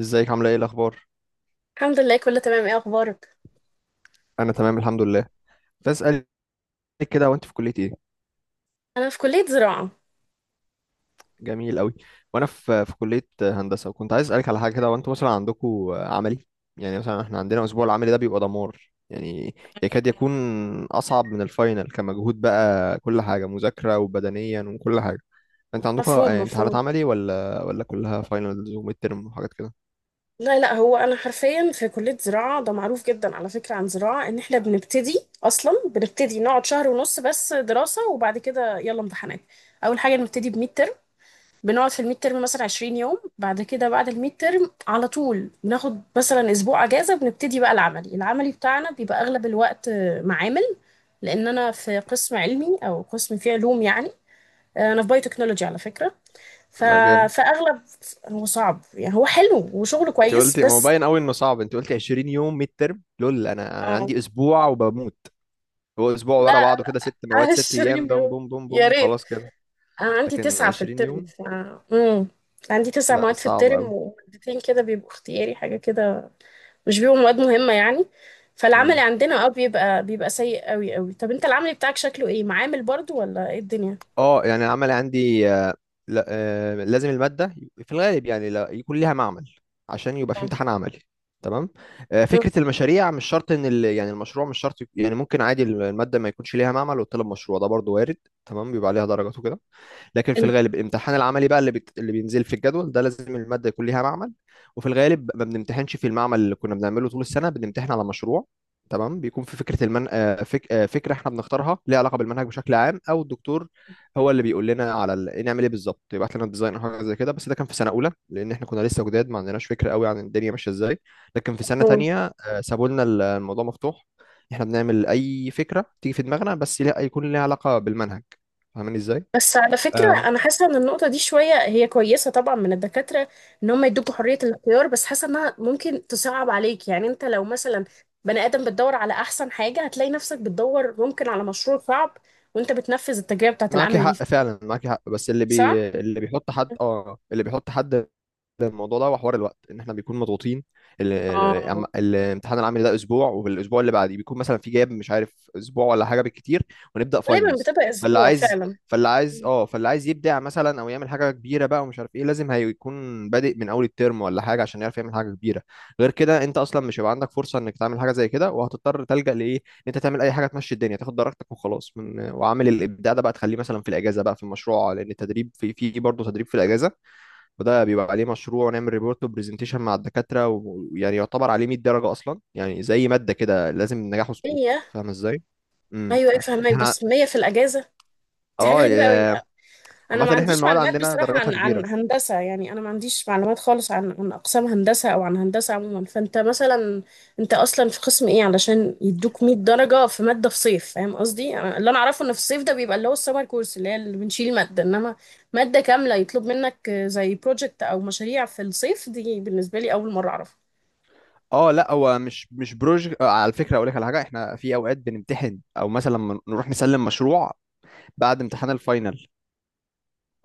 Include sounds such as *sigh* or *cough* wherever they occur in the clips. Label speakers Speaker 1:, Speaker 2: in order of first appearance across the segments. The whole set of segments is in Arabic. Speaker 1: ازيك؟ عامله ايه؟ الاخبار؟
Speaker 2: الحمد لله، كله تمام. ايه اخبارك؟
Speaker 1: انا تمام الحمد لله. كنت عايز اسالك كده، وانت في كليه ايه؟
Speaker 2: انا في كليه زراعه.
Speaker 1: جميل قوي. وانا في كليه هندسه، وكنت عايز اسالك على حاجه كده. وانتوا مثلا عندكم عملي؟ يعني مثلا احنا عندنا الاسبوع العملي ده بيبقى دمار، يعني يكاد يكون اصعب من الفاينل كمجهود بقى، كل حاجه مذاكره وبدنيا وكل حاجه. انت عندكم
Speaker 2: مفهوم
Speaker 1: امتحانات
Speaker 2: مفهوم.
Speaker 1: عملي ولا كلها فاينلز وميد ترم وحاجات كده؟
Speaker 2: لا لا، هو انا حرفيا في كليه زراعه ده معروف جدا على فكره. عن زراعه، ان احنا بنبتدي بنبتدي نقعد شهر ونص بس دراسه، وبعد كده يلا امتحانات. اول حاجه نبتدي بميد ترم. بنقعد في الميد ترم مثلا 20 يوم، بعد كده بعد الميد ترم على طول بناخد مثلا اسبوع اجازه، بنبتدي بقى العملي. بتاعنا بيبقى اغلب الوقت معامل، لان انا في قسم علمي او قسم فيه علوم يعني. انا في بايو تكنولوجي على فكره. ف...
Speaker 1: لا جامد.
Speaker 2: فاغلب هو صعب يعني، هو حلو وشغله
Speaker 1: انت
Speaker 2: كويس
Speaker 1: قلتي، ما هو
Speaker 2: بس.
Speaker 1: باين قوي انه صعب، انت قلتي 20 يوم ميد ترم، لول! انا
Speaker 2: آه.
Speaker 1: عندي اسبوع وبموت. هو اسبوع
Speaker 2: لا،
Speaker 1: ورا بعضه كده، ست مواد ست ايام،
Speaker 2: 20
Speaker 1: دم
Speaker 2: يوم
Speaker 1: بوم بوم
Speaker 2: يا
Speaker 1: بوم
Speaker 2: ريت.
Speaker 1: خلاص كده.
Speaker 2: انا عندي
Speaker 1: لكن
Speaker 2: تسعة في
Speaker 1: 20
Speaker 2: الترم.
Speaker 1: يوم،
Speaker 2: مم. عندي تسع
Speaker 1: لا
Speaker 2: مواد في
Speaker 1: صعب
Speaker 2: الترم،
Speaker 1: قوي.
Speaker 2: ومادتين كده بيبقوا اختياري حاجة كده، مش بيبقوا مواد مهمة يعني. فالعملي
Speaker 1: امم،
Speaker 2: عندنا اه بيبقى سيء قوي قوي. طب انت العملي بتاعك شكله ايه؟ معامل برضو ولا ايه الدنيا؟
Speaker 1: اه يعني العمل عندي لا، لازم المادة في الغالب يعني لا يكون ليها معمل، عشان يبقى في امتحان عملي، تمام. فكرة المشاريع مش شرط ان يعني المشروع مش شرط يعني ممكن عادي المادة ما يكونش ليها معمل وتطلب مشروع، ده برضو وارد. تمام، بيبقى عليها درجات وكده. لكن في الغالب الامتحان العملي بقى اللي اللي بينزل في الجدول ده، لازم المادة يكون ليها معمل. وفي الغالب ما بنمتحنش في المعمل اللي كنا بنعمله طول السنة، بنمتحن على مشروع، تمام. بيكون في فكرة المن... آه، فك... آه، فكرة احنا بنختارها، ليها علاقة بالمنهج بشكل عام او الدكتور هو اللي بيقول لنا على ال... إيه نعمل ايه بالظبط، يبعت لنا ديزاين او حاجة زي كده. بس ده كان في سنة اولى، لان احنا كنا لسه جداد، ما عندناش فكرة قوي عن الدنيا ماشية ازاي. لكن في سنة
Speaker 2: مم.
Speaker 1: تانية سابوا لنا الموضوع مفتوح، احنا بنعمل اي فكرة تيجي في دماغنا، بس يكون ليها علاقة بالمنهج. فاهماني ازاي؟
Speaker 2: بس على فكرة أنا حاسة إن النقطة دي شوية هي كويسة طبعا من الدكاترة، إن هم يدوكوا حرية الاختيار، بس حاسة إنها ممكن تصعب عليك. يعني أنت لو مثلا بني آدم بتدور على أحسن حاجة، هتلاقي نفسك بتدور ممكن على مشروع صعب وأنت بتنفذ التجربة بتاعة
Speaker 1: معاكي
Speaker 2: العمل دي.
Speaker 1: حق فعلا، معاكي حق. بس
Speaker 2: صح؟
Speaker 1: اللي بيحط حد، اه اللي بيحط حد الموضوع ده وحوار الوقت، ان احنا بيكون مضغوطين.
Speaker 2: آه،
Speaker 1: الامتحان العملي ده اسبوع، والاسبوع اللي بعديه بيكون مثلا في جاب، مش عارف اسبوع ولا حاجه بالكتير، ونبدا
Speaker 2: غالبا
Speaker 1: فاينلز.
Speaker 2: بتبقى
Speaker 1: فاللي
Speaker 2: أسبوع
Speaker 1: عايز
Speaker 2: فعلا.
Speaker 1: فاللي عايز يبدع مثلا او يعمل حاجه كبيره بقى ومش عارف ايه، لازم هيكون بادئ من اول الترم ولا حاجه، عشان يعرف يعمل حاجه كبيره. غير كده انت اصلا مش هيبقى عندك فرصه انك تعمل حاجه زي كده، وهتضطر تلجأ لايه، ان انت تعمل اي حاجه تمشي الدنيا، تاخد درجتك وخلاص. من وعامل الابداع ده بقى تخليه مثلا في الاجازه بقى، في المشروع، لان التدريب في في برضه تدريب في الاجازه. وده بيبقى عليه مشروع، ونعمل ريبورت وبرزنتيشن مع الدكاترة، و- ويعني يعتبر عليه 100 درجة أصلا، يعني زي مادة كده لازم نجاح وسقوط،
Speaker 2: مية.
Speaker 1: فاهم ازاي؟ امم،
Speaker 2: أيوة أيوة، فهمك،
Speaker 1: احنا
Speaker 2: بس مية في الأجازة؟ دي حاجة
Speaker 1: اه
Speaker 2: غريبة أوي.
Speaker 1: يا-
Speaker 2: انا ما
Speaker 1: عامة احنا
Speaker 2: عنديش
Speaker 1: المواد
Speaker 2: معلومات
Speaker 1: عندنا
Speaker 2: بصراحة
Speaker 1: درجاتها
Speaker 2: عن
Speaker 1: كبيرة.
Speaker 2: هندسة. يعني انا ما عنديش معلومات خالص عن اقسام هندسة او عن هندسة عموما. فانت مثلا انت اصلا في قسم ايه علشان يدوك 100 درجة في مادة في صيف؟ فاهم قصدي؟ اللي انا اعرفه ان في الصيف ده بيبقى اللي هو السمر كورس، اللي هي اللي بنشيل مادة، انما مادة كاملة يطلب منك زي بروجكت او مشاريع في الصيف، دي بالنسبة لي اول مرة اعرفها.
Speaker 1: اه لا هو مش بروج آه، على فكرة اقول لك على حاجة، احنا في اوقات بنمتحن او مثلا لما نروح نسلم مشروع بعد امتحان الفاينل،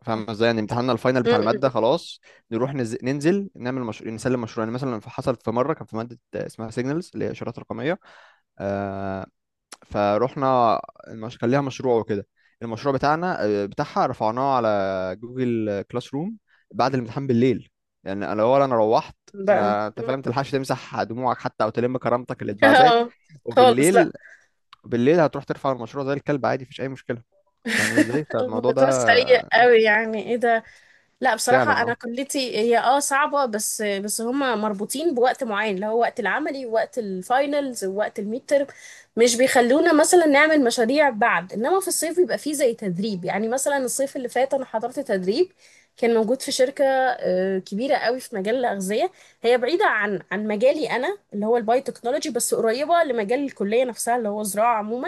Speaker 1: فاهم ازاي؟ يعني امتحاننا الفاينل
Speaker 2: م-
Speaker 1: بتاع المادة
Speaker 2: م-
Speaker 1: خلاص، نروح ننزل نعمل مشروع، نسلم مشروع. يعني مثلا حصلت في مرة، كان في مادة اسمها سيجنالز، اللي هي اشارات رقمية، فروحنا، كان ليها مشروع وكده، المشروع بتاعنا آه، بتاعها رفعناه على جوجل كلاس روم بعد الامتحان بالليل. يعني انا اول انا روحت،
Speaker 2: بقى *laughs* م-
Speaker 1: ما انت فاهم تلحقش تمسح دموعك حتى او تلم كرامتك اللي اتبعزت،
Speaker 2: آه، خالص
Speaker 1: وبالليل
Speaker 2: لا.
Speaker 1: بالليل هتروح ترفع المشروع زي الكلب عادي، مفيش اي مشكله. فاهمني ازاي؟
Speaker 2: *laughs*
Speaker 1: فالموضوع ده
Speaker 2: الموضوع سيء قوي، يعني ايه ده؟ لا
Speaker 1: فعلا
Speaker 2: بصراحة أنا
Speaker 1: اه
Speaker 2: كليتي هي اه صعبة، بس هما مربوطين بوقت معين، اللي هو وقت العملي ووقت الفاينلز ووقت الميد ترم. مش بيخلونا مثلا نعمل مشاريع بعد، إنما في الصيف بيبقى فيه زي تدريب. يعني مثلا الصيف اللي فات أنا حضرت تدريب، كان موجود في شركة كبيرة قوي في مجال الأغذية. هي بعيدة عن مجالي أنا اللي هو البايوتكنولوجي، بس قريبة لمجال الكلية نفسها اللي هو زراعة عموما.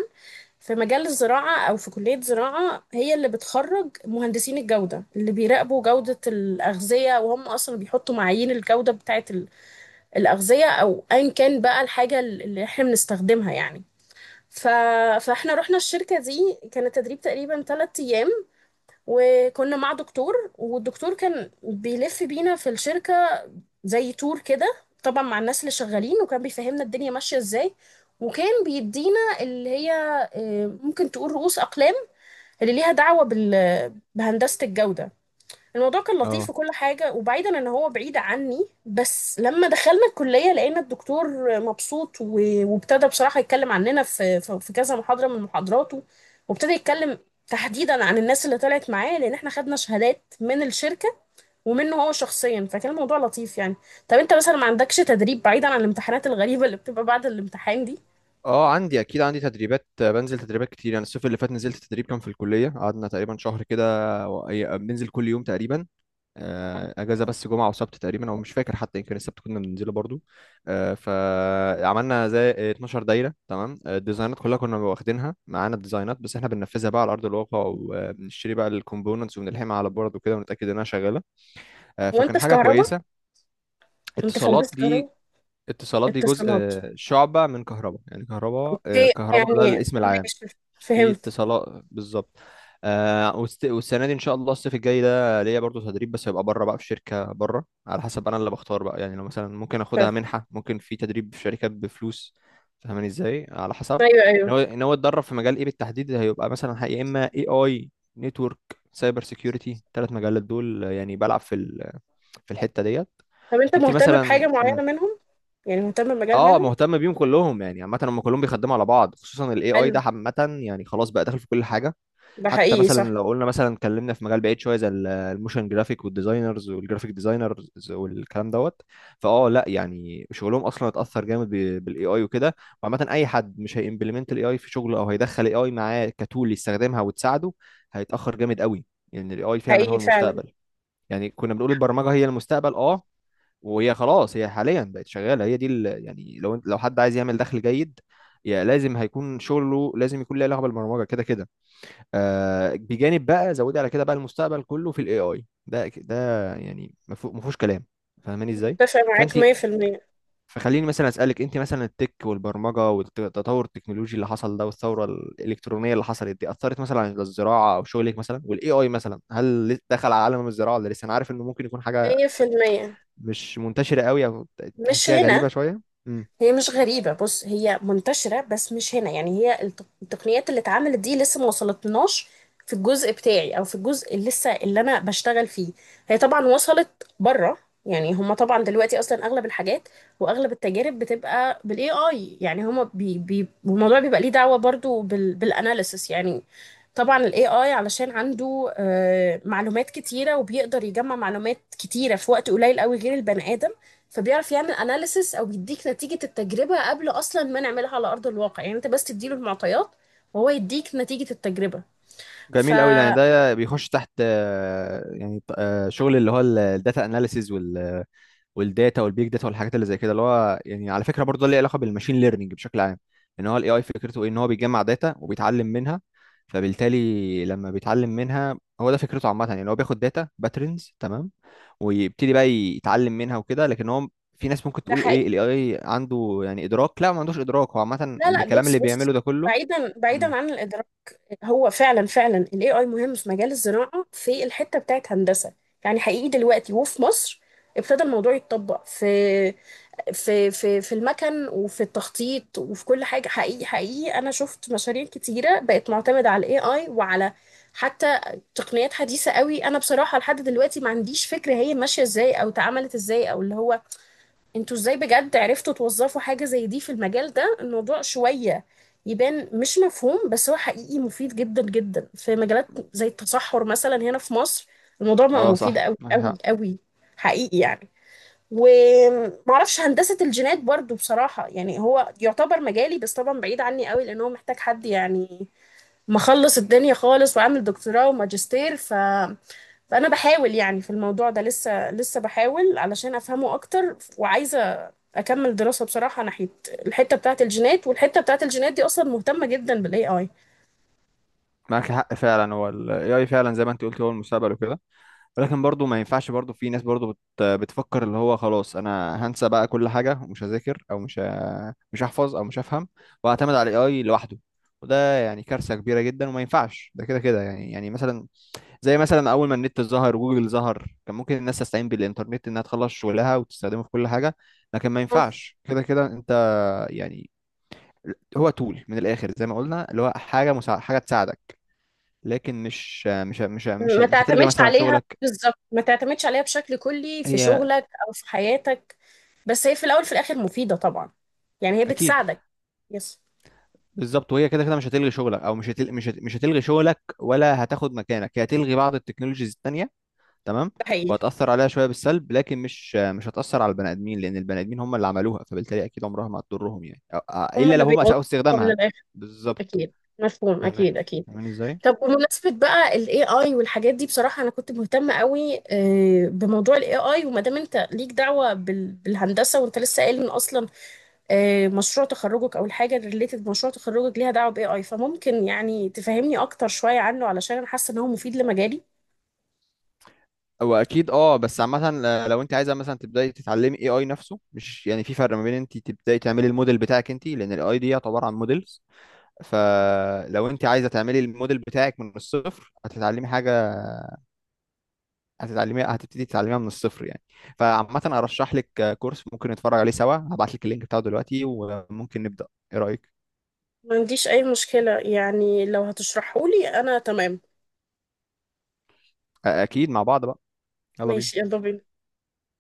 Speaker 2: في مجال الزراعة أو في كلية زراعة، هي اللي بتخرج مهندسين الجودة اللي بيراقبوا جودة الأغذية، وهم أصلا بيحطوا معايير الجودة بتاعة الأغذية أو أيا كان بقى الحاجة اللي إحنا بنستخدمها يعني. ف... فإحنا رحنا الشركة دي، كان التدريب تقريبا ثلاثة أيام، وكنا مع دكتور، والدكتور كان بيلف بينا في الشركة زي تور كده، طبعا مع الناس اللي شغالين، وكان بيفهمنا الدنيا ماشية إزاي، وكان بيدينا اللي هي ممكن تقول رؤوس أقلام اللي ليها دعوة بهندسة الجودة. الموضوع كان لطيف
Speaker 1: اه.
Speaker 2: وكل حاجة، وبعيدا ان هو بعيد عني، بس لما دخلنا الكلية لقينا الدكتور مبسوط، وابتدى بصراحة يتكلم عننا في كذا محاضرة من محاضراته، وابتدى يتكلم تحديدا عن الناس اللي طلعت معاه، لان احنا خدنا شهادات من الشركة، ومنه هو شخصيا، فكان الموضوع لطيف يعني. طب انت مثلا ما عندكش تدريب بعيدا عن الامتحانات الغريبة اللي بتبقى بعد الامتحان دي؟
Speaker 1: اه عندي، اكيد عندي تدريبات، بنزل تدريبات كتير. يعني الصيف اللي فات نزلت تدريب كان في الكليه، قعدنا تقريبا شهر كده، بننزل كل يوم تقريبا. اجازه بس جمعه وسبت تقريبا، او مش فاكر، حتى يمكن السبت كنا بننزله برضو. فعملنا زي 12 دايره، تمام، الديزاينات كلها كنا واخدينها معانا، الديزاينات بس احنا بننفذها بقى على ارض الواقع، وبنشتري بقى الكومبوننتس وبنلحمها على البورد وكده، ونتاكد انها شغاله.
Speaker 2: وانت
Speaker 1: فكان
Speaker 2: في
Speaker 1: حاجه
Speaker 2: كهرباء؟
Speaker 1: كويسه.
Speaker 2: انت في
Speaker 1: اتصالات
Speaker 2: هندسة
Speaker 1: دي،
Speaker 2: كهرباء
Speaker 1: اتصالات دي جزء،
Speaker 2: اتصالات؟
Speaker 1: شعبة من كهرباء، يعني كهرباء،
Speaker 2: هي
Speaker 1: كهرباء ده
Speaker 2: يعني
Speaker 1: الاسم العام،
Speaker 2: ماشي.
Speaker 1: في
Speaker 2: فهمت
Speaker 1: اتصالات بالظبط. والسنة دي إن شاء الله الصيف الجاي ده ليا برضو تدريب، بس هيبقى بره بقى، في شركة بره، على حسب أنا اللي بختار بقى. يعني لو مثلا ممكن أخدها
Speaker 2: فهمت.
Speaker 1: منحة، ممكن في تدريب في شركات بفلوس. فاهماني إزاي؟ على حسب
Speaker 2: ايوه
Speaker 1: إن
Speaker 2: ايوه.
Speaker 1: هو إن هو يتدرب في مجال إيه بالتحديد، هيبقى مثلا يا إما AI، نتورك، سايبر سيكيورتي، ثلاث مجالات دول. يعني بلعب في في الحتة ديت.
Speaker 2: طب انت
Speaker 1: أنت
Speaker 2: مهتم
Speaker 1: مثلا،
Speaker 2: بحاجه معينه منهم؟ يعني مهتم بمجال
Speaker 1: اه
Speaker 2: منهم؟
Speaker 1: مهتم بيهم كلهم يعني، عامه هم كلهم بيخدموا على بعض، خصوصا الاي اي ده
Speaker 2: حلو.
Speaker 1: عامه، يعني خلاص بقى داخل في كل حاجه.
Speaker 2: ده
Speaker 1: حتى
Speaker 2: حقيقي
Speaker 1: مثلا لو
Speaker 2: صح.
Speaker 1: قلنا مثلا اتكلمنا في مجال بعيد شويه، زي الموشن جرافيك والديزاينرز والجرافيك ديزاينرز والكلام دوت، فاه لا يعني شغلهم اصلا اتاثر جامد بالاي اي وكده. وعامه اي حد مش هيمبلمنت الاي اي في شغله، او هيدخل الاي اي معاه كتول يستخدمها وتساعده، هيتاخر جامد قوي، لان يعني الاي اي فعلا هو
Speaker 2: حقيقي فعلا،
Speaker 1: المستقبل. يعني كنا بنقول البرمجه هي المستقبل، اه وهي خلاص، هي حاليا بقت شغاله، هي دي يعني لو لو حد عايز يعمل دخل جيد، يا لازم هيكون شغله لازم يكون له علاقه بالبرمجه كده كده. آه بجانب بقى، زودي على كده بقى المستقبل كله في الاي اي ده ده، يعني ما فيهوش كلام. فاهماني ازاي؟
Speaker 2: اتفق معاك
Speaker 1: فانت،
Speaker 2: 100%.
Speaker 1: فخليني مثلا اسالك، انت مثلا التك والبرمجه والتطور التكنولوجي اللي حصل ده والثوره الالكترونيه اللي حصلت دي، اثرت مثلا على الزراعه او شغلك مثلا؟ والاي اي مثلا هل دخل على عالم الزراعه، ولا لسه؟ انا عارف انه ممكن يكون حاجه
Speaker 2: 100%.
Speaker 1: مش منتشرة قوي، او
Speaker 2: مش
Speaker 1: تحسيها غريبة
Speaker 2: هنا.
Speaker 1: شوية. امم.
Speaker 2: هي مش غريبة، بص، هي منتشرة بس مش هنا. يعني هي التقنيات اللي اتعملت دي لسه ما وصلتناش في الجزء بتاعي، او في الجزء اللي لسه اللي انا بشتغل فيه. هي طبعا وصلت بره. يعني هما طبعا دلوقتي اصلا اغلب الحاجات واغلب التجارب بتبقى بالاي اي، يعني هما بي بي، والموضوع بيبقى ليه دعوة برضو بالاناليسس يعني. طبعا الاي اي علشان عنده معلومات كتيرة، وبيقدر يجمع معلومات كتيرة في وقت قليل قوي غير البني ادم، فبيعرف يعمل اناليسس، او بيديك نتيجة التجربة قبل اصلا ما نعملها على ارض الواقع. يعني انت بس تديله المعطيات وهو يديك نتيجة التجربة.
Speaker 1: جميل قوي، يعني
Speaker 2: فده
Speaker 1: ده بيخش تحت، شغل اللي هو الداتا اناليسيز والداتا والبيج داتا والحاجات اللي زي كده، اللي هو يعني على فكرة برضه ده ليه علاقة بالماشين ليرنينج بشكل عام. ان هو الاي اي فكرته ايه؟ ان هو بيجمع داتا وبيتعلم منها، فبالتالي لما بيتعلم منها، هو ده فكرته عامة، يعني إن هو بياخد داتا باترنز، تمام، ويبتدي بقى يتعلم منها وكده. لكن هو في ناس ممكن تقول
Speaker 2: حقيقي.
Speaker 1: ايه الاي اي عنده، يعني ادراك. لا، ما عندوش ادراك، هو عامه
Speaker 2: لا لا،
Speaker 1: الكلام
Speaker 2: بص
Speaker 1: اللي
Speaker 2: بص،
Speaker 1: بيعمله ده كله.
Speaker 2: بعيدا
Speaker 1: مم.
Speaker 2: بعيدا عن الادراك، هو فعلا فعلا الاي اي مهم في مجال الزراعة في الحتة بتاعت هندسة. يعني حقيقي دلوقتي وفي مصر ابتدى الموضوع يتطبق في المكن وفي التخطيط وفي كل حاجة. حقيقي حقيقي أنا شفت مشاريع كتيرة بقت معتمدة على ال AI، وعلى حتى تقنيات حديثة قوي. أنا بصراحة لحد دلوقتي ما عنديش فكرة هي ماشية إزاي أو اتعملت إزاي، أو اللي هو أنتوا إزاي بجد عرفتوا توظفوا حاجة زي دي في المجال ده. الموضوع شوية يبان مش مفهوم، بس هو حقيقي مفيد جدا جدا في مجالات زي التصحر مثلا هنا في مصر، الموضوع بقى
Speaker 1: اه
Speaker 2: مفيد
Speaker 1: صح،
Speaker 2: قوي
Speaker 1: معاك
Speaker 2: قوي
Speaker 1: حق،
Speaker 2: قوي. حقيقي يعني. ومعرفش هندسة الجينات برضو بصراحة، يعني هو يعتبر مجالي بس طبعا بعيد عني قوي، لأن هو محتاج حد يعني مخلص الدنيا خالص وعامل دكتوراه وماجستير. فأنا بحاول يعني في الموضوع ده، لسه لسه بحاول علشان أفهمه أكتر، وعايزة أكمل دراسة بصراحة ناحية الحتة بتاعة الجينات، والحتة بتاعة الجينات دي أصلا مهتمة جدا بال AI.
Speaker 1: معاك حق فعلا. هو ال AI فعلا زي ما انت قلت هو المستقبل وكده. ولكن برضو ما ينفعش، برضو في ناس برضو بتفكر اللي هو خلاص انا هنسى بقى كل حاجة، ومش هذاكر، او مش هحفظ، او مش هفهم، واعتمد على ال AI لوحده. وده يعني كارثة كبيرة جدا، وما ينفعش ده كده كده، يعني يعني مثلا زي مثلا اول ما النت ظهر، جوجل ظهر، كان ممكن الناس تستعين بالانترنت انها تخلص شغلها وتستخدمه في كل حاجة، لكن ما
Speaker 2: اه،
Speaker 1: ينفعش كده كده انت يعني. هو تول من الاخر، زي ما قلنا، اللي هو حاجة مساعدة، حاجة تساعدك، لكن
Speaker 2: ما
Speaker 1: مش هتلغي
Speaker 2: تعتمدش
Speaker 1: مثلا
Speaker 2: عليها
Speaker 1: شغلك.
Speaker 2: بالظبط، ما تعتمدش عليها بشكل كلي في
Speaker 1: هي
Speaker 2: شغلك او في حياتك. بس هي في الاول في الاخر مفيده طبعا، يعني هي
Speaker 1: اكيد،
Speaker 2: بتساعدك. يس.
Speaker 1: بالظبط. وهي كده كده مش هتلغي شغلك، او مش هتلغي شغلك ولا هتاخد مكانك، هي هتلغي بعض التكنولوجيز التانية، تمام،
Speaker 2: ده حقيقي.
Speaker 1: وهتأثر عليها شوية بالسلب، لكن مش هتأثر على البني آدمين، لأن البني آدمين هم اللي عملوها، فبالتالي أكيد عمرها ما هتضرهم يعني، أو
Speaker 2: هم
Speaker 1: إلا
Speaker 2: اللي
Speaker 1: لو هم
Speaker 2: بيوصلوها
Speaker 1: أساءوا
Speaker 2: من
Speaker 1: استخدامها،
Speaker 2: الاخر.
Speaker 1: بالظبط.
Speaker 2: اكيد مفهوم
Speaker 1: فاهمين،
Speaker 2: اكيد اكيد.
Speaker 1: فاهمين إزاي؟
Speaker 2: طب بمناسبه بقى الاي اي والحاجات دي، بصراحه انا كنت مهتمه قوي بموضوع الاي اي، وما دام انت ليك دعوه بالهندسه، وانت لسه قايل ان اصلا مشروع تخرجك او الحاجه ريليتد مشروع تخرجك ليها دعوه باي اي، فممكن يعني تفهمني اكتر شويه عنه علشان انا حاسه ان هو مفيد لمجالي.
Speaker 1: هو اكيد اه. بس عامه لو انت عايزه مثلا تبداي تتعلمي اي اي نفسه، مش يعني في فرق ما بين انت تبداي تعملي الموديل بتاعك انت، لان الاي دي يعتبر عن موديلز. فلو انت عايزه تعملي الموديل بتاعك من الصفر، هتتعلمي حاجه، هتبتدي تتعلميها من الصفر يعني. فعامه ارشح لك كورس ممكن نتفرج عليه سوا، هبعت لك اللينك بتاعه دلوقتي، وممكن نبدا، ايه رايك؟
Speaker 2: ما عنديش اي مشكله، يعني لو هتشرحه لي انا تمام.
Speaker 1: اكيد، مع بعض بقى، يلا بينا.
Speaker 2: ماشي، يلا بينا.